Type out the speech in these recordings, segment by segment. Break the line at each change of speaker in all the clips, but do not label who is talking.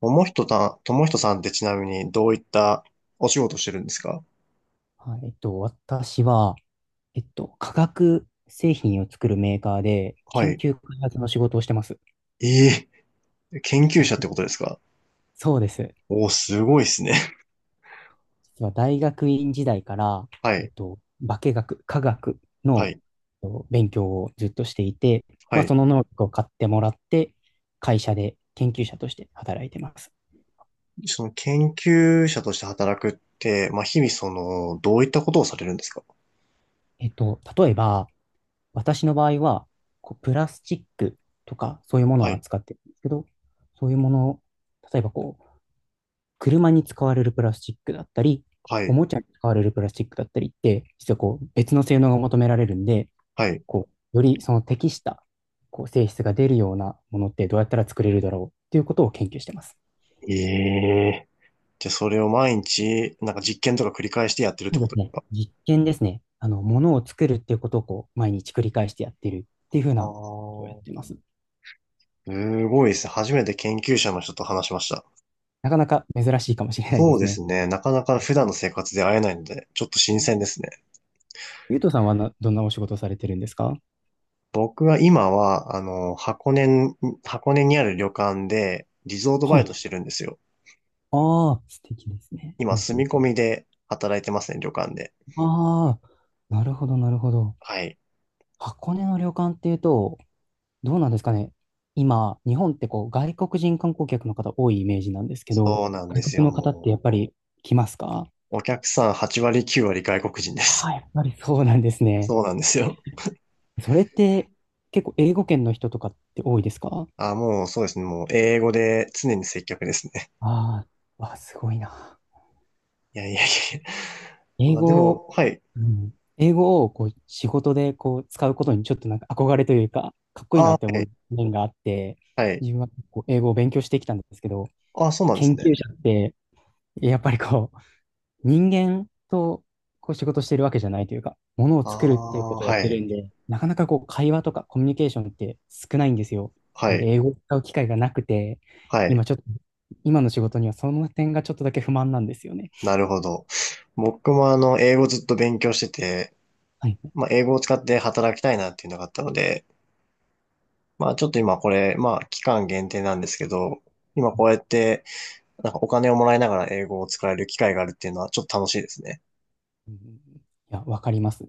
ともひとさん、ともひとさんってちなみにどういったお仕事してるんですか？
はい、私は、化学製品を作るメーカーで
は
研
い。
究開発の仕事をしてます。
え研究者ってことですか？
そうです。
おー、すごいですね。
実は大学院時代から、
は
えっ
い。
と、化学
は
の
い。
勉強をずっとしていて、
は
まあ、
い。
その能力を買ってもらって、会社で研究者として働いてます。
その研究者として働くって、まあ、日々その、どういったことをされるんですか？
例えば、私の場合は、こう、プラスチックとか、そういうもの
は
を
い。
扱ってるんですけど、そういうものを、例えばこう、車に使われるプラスチックだったり、
は
お
い。
もちゃに使われるプラスチックだったりって、実はこう別の性能が求められるんで、
はい。
こうよりその適したこう性質が出るようなものってどうやったら作れるだろうっていうことを研究してます。
ええ。じゃあ、それを毎日、なんか実験とか繰り返してやってるっ
そ
て
う
こ
で
と
す
です
ね。
か？
実験ですね。あの、ものを作るっていうことをこう毎日繰り返してやってるっていうふう
ああ
なことをやって
ー、
ます。
すごいですね。初めて研究者の人と話しました。
なかなか珍しいかもしれないで
そう
す
で
ね。
すね。なかなか普段の生活で会えないので、ちょっと新鮮ですね。
ゆうとさんはどんなお仕事をされてるんですか？
僕は今は、箱根に、箱根にある旅館で、リゾート
は
バイ
い。
トしてるんですよ。
ああ、素敵ですね。う
今、
んう
住
ん。
み込みで働いてますね、旅館で。
ああ、なるほど、なるほど。
はい。
箱根の旅館っていうと、どうなんですかね。今、日本ってこう外国人観光客の方多いイメージなんですけど、
そうなんで
外
すよ、
国の方って
も
やっぱり来ますか？
う。お客さん8割、9割外国人で
ああ、
す。
やっぱりそうなんです ね。
そうなんですよ。
それって結構英語圏の人とかって多いですか？
あ、もうそうですね。もう英語で常に接客ですね。
ああ、わ、すごいな。
いやいやい
こう
や。
英
まあで
語を、
も、はい。
うん、英語をこう仕事でこう使うことにちょっとなんか憧れというか、かっこいい
あ、
なっ
は
て思
い。
う面があって、
はい。
自分はこう英語を勉強してきたんですけど、
あ、そうなんで
研
すね。
究者ってやっぱりこう、人間とこう仕事してるわけじゃないというか、ものを
あ
作るっていうこ
あ、
とをやっ
は
て
い。
るんで、なかなかこう、会話とかコミュニケーションって少ないんですよ。
は
なので、
い。
英語を使う機会がなくて、
はい。
今ちょっと、今の仕事にはその点がちょっとだけ不満なんですよね。
なるほど。僕も英語ずっと勉強してて、
はい。
まあ、英語を使って働きたいなっていうのがあったので、まあ、ちょっと今これ、まあ、期間限定なんですけど、今こうやって、なんかお金をもらいながら英語を使える機会があるっていうのはちょっと楽しいですね。
うん。いや、わかります。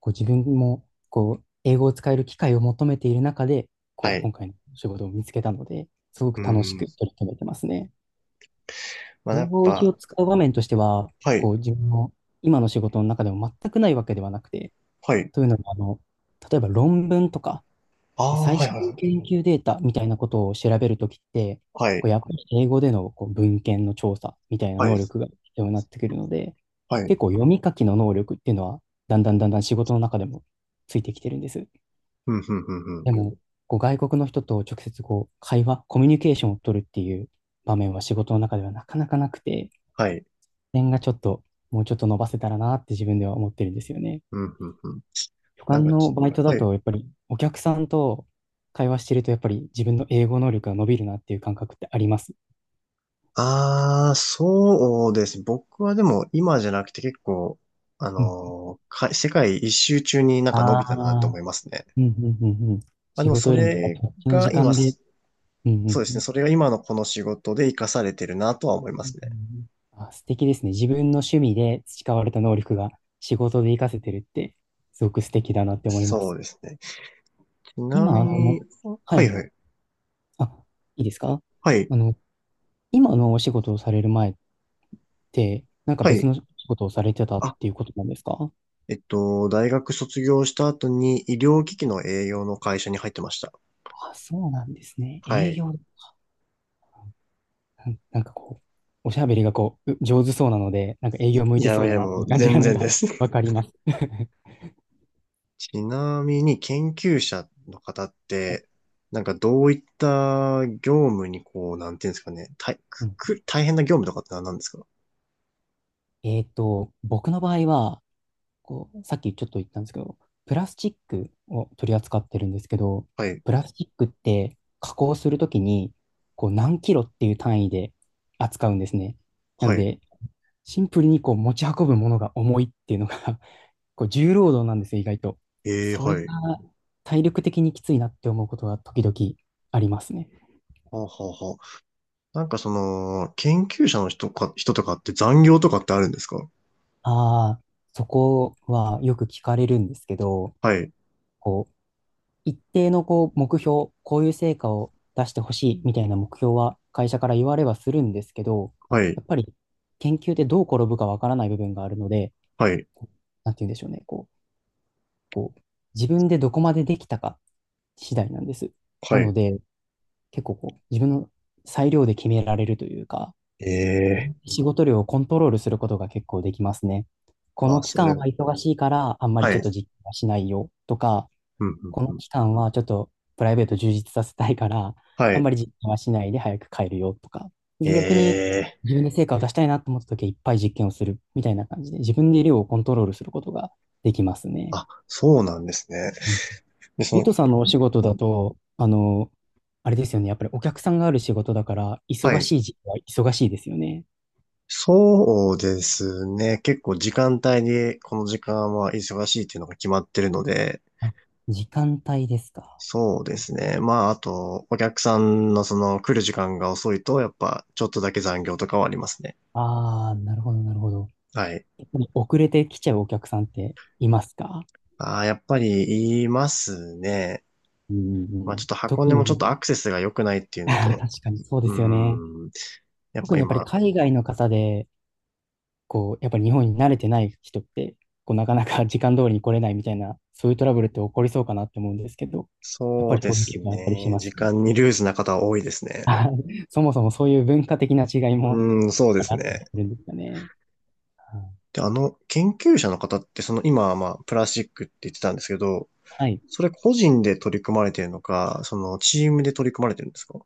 こう、自分も、こう、英語を使える機会を求めている中で、こ
は
う、
い。
今回の仕事を見つけたので、すご
う
く楽し
ん。
く取り組めてますね。
まあ、やっ
領域
ぱ、
を使う場面としては、
はい、
こう、自分の今の仕事の中でも全くないわけではなくて、
はい。
というのも、あの、例えば論文とか、
あ
こう
あ、
最
はい、
新の
はい、
研究データみたいなことを調べるときって、
は
こ
い。
うやっぱり英語でのこう文献の調査みたいな
はい、は
能
い。
力が必要になってくるので、
はい。
結構読み書きの能力っていうのは、だんだんだんだん仕事の中でもついてきてるんです。
うん、うん、うん、うん。
でも、こう外国の人と直接こう会話、コミュニケーションを取るっていう場面は仕事の中ではなかなかなくて、
はい。
点がちょっと、もうちょっと伸ばせたらなって自分では思ってるんですよね。
うん、うん、うん。
旅
なん
館
か
の
ち、
バイトだ
はい。
と、やっぱりお客さんと会話してると、やっぱり自分の英語能力が伸びるなっていう感覚ってあります。
ああ、そうですね。僕はでも今じゃなくて結構、あ
うん。
のーか、世界一周中になん
あ
か伸びたなと
あ、
思いますね。
うんうんうんうん。
まあで
仕
も
事
そ
よりもやっぱ
れ
こっちの
が
時
今、
間で、
そ
うんうん
うで
う
すね。
ん。
それが今のこの仕事で活かされてるなとは思いま
うんうん
すね。
うん。あ、素敵ですね。自分の趣味で培われた能力が仕事で活かせてるって、すごく素敵だなって思いま
そ
す。
うですね。ちな
今、
み
あ
に、
の、は
はい
い。
はい。
あ、いいですか？
はい。
あの、今のお仕事をされるなんか
は
別
い。
の仕事をされてたっ
あ、
ていうことなんですか？
大学卒業した後に医療機器の栄養の会社に入ってました。
あ、そうなんですね。
は
営
い。
業、なんかこう、おしゃべりがこう、上手そうなので、なんか営
い
業向いて
や
そ
い
うだ
や、
なって
も
いう
う
感じ
全
がなん
然で
か
す。
わ かります。
ちなみに研究者の方っ
はい。
て、なんかどういった業務にこう、なんていうんですかね、大
う
く
ん。
く大変な業務とかって何なんですか？
僕の場合は、こう、さっきちょっと言ったんですけど、プラスチックを取り扱ってるんですけど、
はい、
プラスチックって加工するときに、こう何キロっていう単位で扱うんですね。な
は
の
い、
で、シンプルにこう持ち運ぶものが重いっていうのが こう重労働なんですよ、意外と。
ええ
それ
は
が
い。
体力的にきついなって思うことが時々ありますね。
はあ、はあ、はあ。なんかその、研究者の人か、人とかって残業とかってあるんですか？
ああ、そこはよく聞かれるんですけど、
はい、
こう、一定のこう目標、こういう成果を出してほしいみたいな目標は会社から言われはするんですけど、
は
や
い、
っぱり研究でどう転ぶかわからない部分があるので、
はい、
こうなんて言うんでしょうね、こう、自分でどこまでできたか次第なんです。
は
なの
い。
で、結構こう、自分の裁量で決められるというか、
ええ
仕事量をコントロールすることが結構できますね。こ
あ、
の期
そ
間
れ、
は忙しいから、あんまり
は
ちょ
い、
っと実験はしないよとか、
うん、う
この
ん、うん。
期間はちょっとプライベート充実させたいから、
は
あんま
い、
り実験はしないで早く帰るよとか、逆に
ええ
自分で成果を出したいなと思った時はいっぱい実験をするみたいな感じで、自分で量をコントロールすることができますね。
あ、そうなんですね。
うん。
で、そ
ゆ
の、
とさんのお仕事だと、あの、あれですよね。やっぱりお客さんがある仕事だから、
は
忙
い。
しい時期は忙しいですよね。
そうですね。結構時間帯に、この時間は忙しいっていうのが決まってるので、
あ、時間帯ですか？
そうですね。まあ、あと、お客さんのその来る時間が遅いと、やっぱちょっとだけ残業とかはありますね。
ああ、なるほど、なるほど。
はい。
やっぱり遅れてきちゃうお客さんっていますか？
ああ、やっぱり言いますね。
うんう
ま
んう
あ、ちょっ
ん。
と箱
特
根もちょっ
に、
とアクセスが良くないってい うのと、
あー確かにそうで
う
すよね。
ーん。やっ
特
ぱ
にやっぱり
今、
海外の方で、こう、やっぱり日本に慣れてない人って、こう、なかなか 時間通りに来れないみたいな、そういうトラブルって起こりそうかなって思うんですけど、やっ
そ
ぱ
う
り
で
そういう
す
気があったりし
ね。
ます
時
か？
間にルーズな方は多いですね。
そもそもそういう文化的な違いも
うーん、そうです
あったり
ね。
するんですよね。うん。
で、研究者の方って、その今はまあ、プラスチックって言ってたんですけど、
はい。
それ個人で取り組まれてるのか、そのチームで取り組まれてるんですか？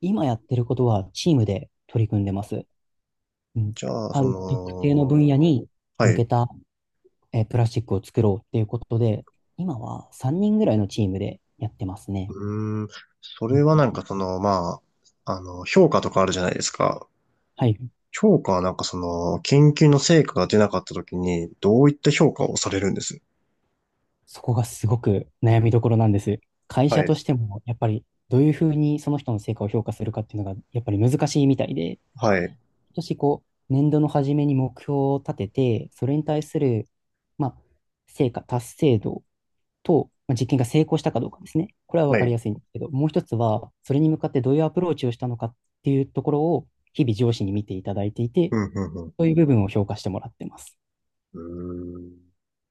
今やってることはチームで取り組んでます。うん。
じゃあ、
あ
そ
る特定の
の、
分野に
は
向
い。
けた、プラスチックを作ろうっていうことで、今は3人ぐらいのチームでやってますね。
うーん、そ
う
れ
ん。
はなんかその、まあ、評価とかあるじゃないですか。
はい。
評価はなんかその、研究の成果が出なかった時に、どういった評価をされるんです？
そこがすごく悩みどころなんです。会
は
社と
い。
しても、やっぱりどういうふうにその人の成果を評価するかっていうのが、やっぱり難しいみたいで、
はい。
今年こう、年度の初めに目標を立てて、それに対する、まあ、成果、達成度と、まあ、実験が成功したかどうかですね。これは分
は
かり
い。
やすいんですけど、もう一つは、それに向かってどういうアプローチをしたのかっていうところを、日々上司に見ていただいていて、
うん、うん、う
そうい
ん。
う部分を評価してもらってます。
うーん。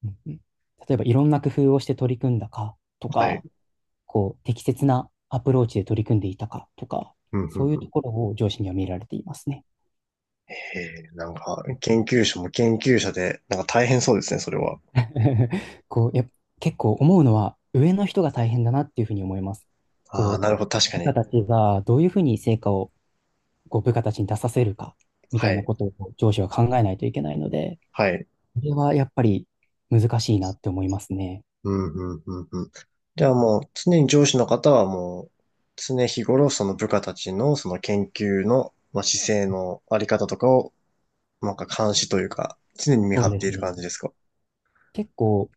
うんうん、例えば、いろんな工夫をして取り組んだかと
はい。
か、こう、適切なアプローチで取り組んでいたかとか、
うん、う
そ
ん、
ういう
うん。
ところを上司には見られていますね。
へえ、なんか、研究者も研究者で、なんか大変そうですね、それは。
こう、やっぱ、結構思うのは上の人が大変だなっていうふうに思います。
ああ、
こ
な
う、
るほど、確か
部
に。
下たちがどういうふうに成果をこう部下たちに出させるかみた
は
いな
い、
ことをこう上司は考えないといけないので、
はい。
これはやっぱり難しいなって思いますね。
うん、うん、うん、うん。じゃあもう、常に上司の方はもう、常日頃、その部下たちの、その研究の、まあ、姿勢のあり方とかを、なんか監視というか、常に見
そ
張
う
っ
で
て
す
いる感
ね。
じですか？
結構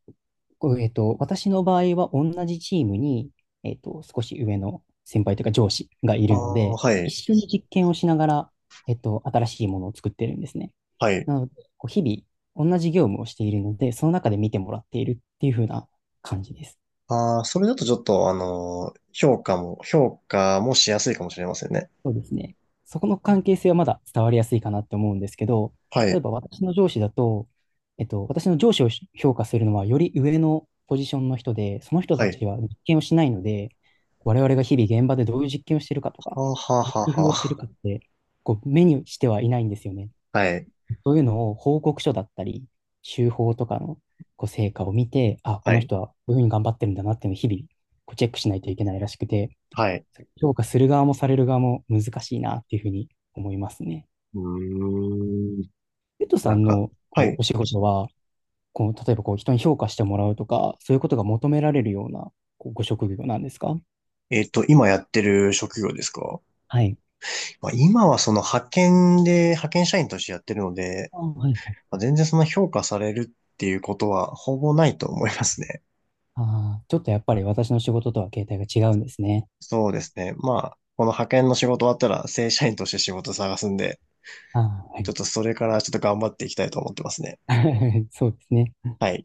こう私の場合は同じチームに、少し上の先輩というか上司がい
あ
るの
あ、
で、
は
一
い、
緒に実験をしながら、新しいものを作ってるんですね。
はい。
なので、こう日々同じ業務をしているので、その中で見てもらっているっていう風な感じです。
ああ、それだとちょっと、評価も、評価もしやすいかもしれませんね。
そうですね。そこの関係性はまだ伝わりやすいかなって思うんですけど、
は
例え
い、
ば私の上司だと、私の上司を評価するのはより上のポジションの人で、その人
は
た
い。
ちは実験をしないので、我々が日々現場でどういう実験をしているかとか、
はあ、はあ、
どうい
は
う
あ、
工夫をしている
は
かって、こう目にしてはいないんですよね。
あ。はい、
そういうのを報告書だったり、週報とかのこう成果を見て、あ、こ
は
の
い。
人はこういうふうに頑張ってるんだなっていうのを日々こうチェックしないといけないらしくて、
はい。
評価する側もされる側も難しいなっていうふうに思いますね。
うーん。
ペットさ
なん
ん
か、
の
は
こう
い。
お仕事は、こう例えばこう人に評価してもらうとか、そういうことが求められるようなこうご職業なんですか？
えっと、今やってる職業ですか？
はい。
まあ、今はその派遣で、派遣社員としてやってるので、
あ、はいはい。
まあ、全然その評価されるっていうことはほぼないと思いますね。
ああ、ちょっとやっぱり私の仕事とは形態が違うんですね。
そうですね。まあ、この派遣の仕事終わったら正社員として仕事探すんで、
ああ、は
ちょ
い。
っとそれからちょっと頑張っていきたいと思ってますね。
そうですね。
はい。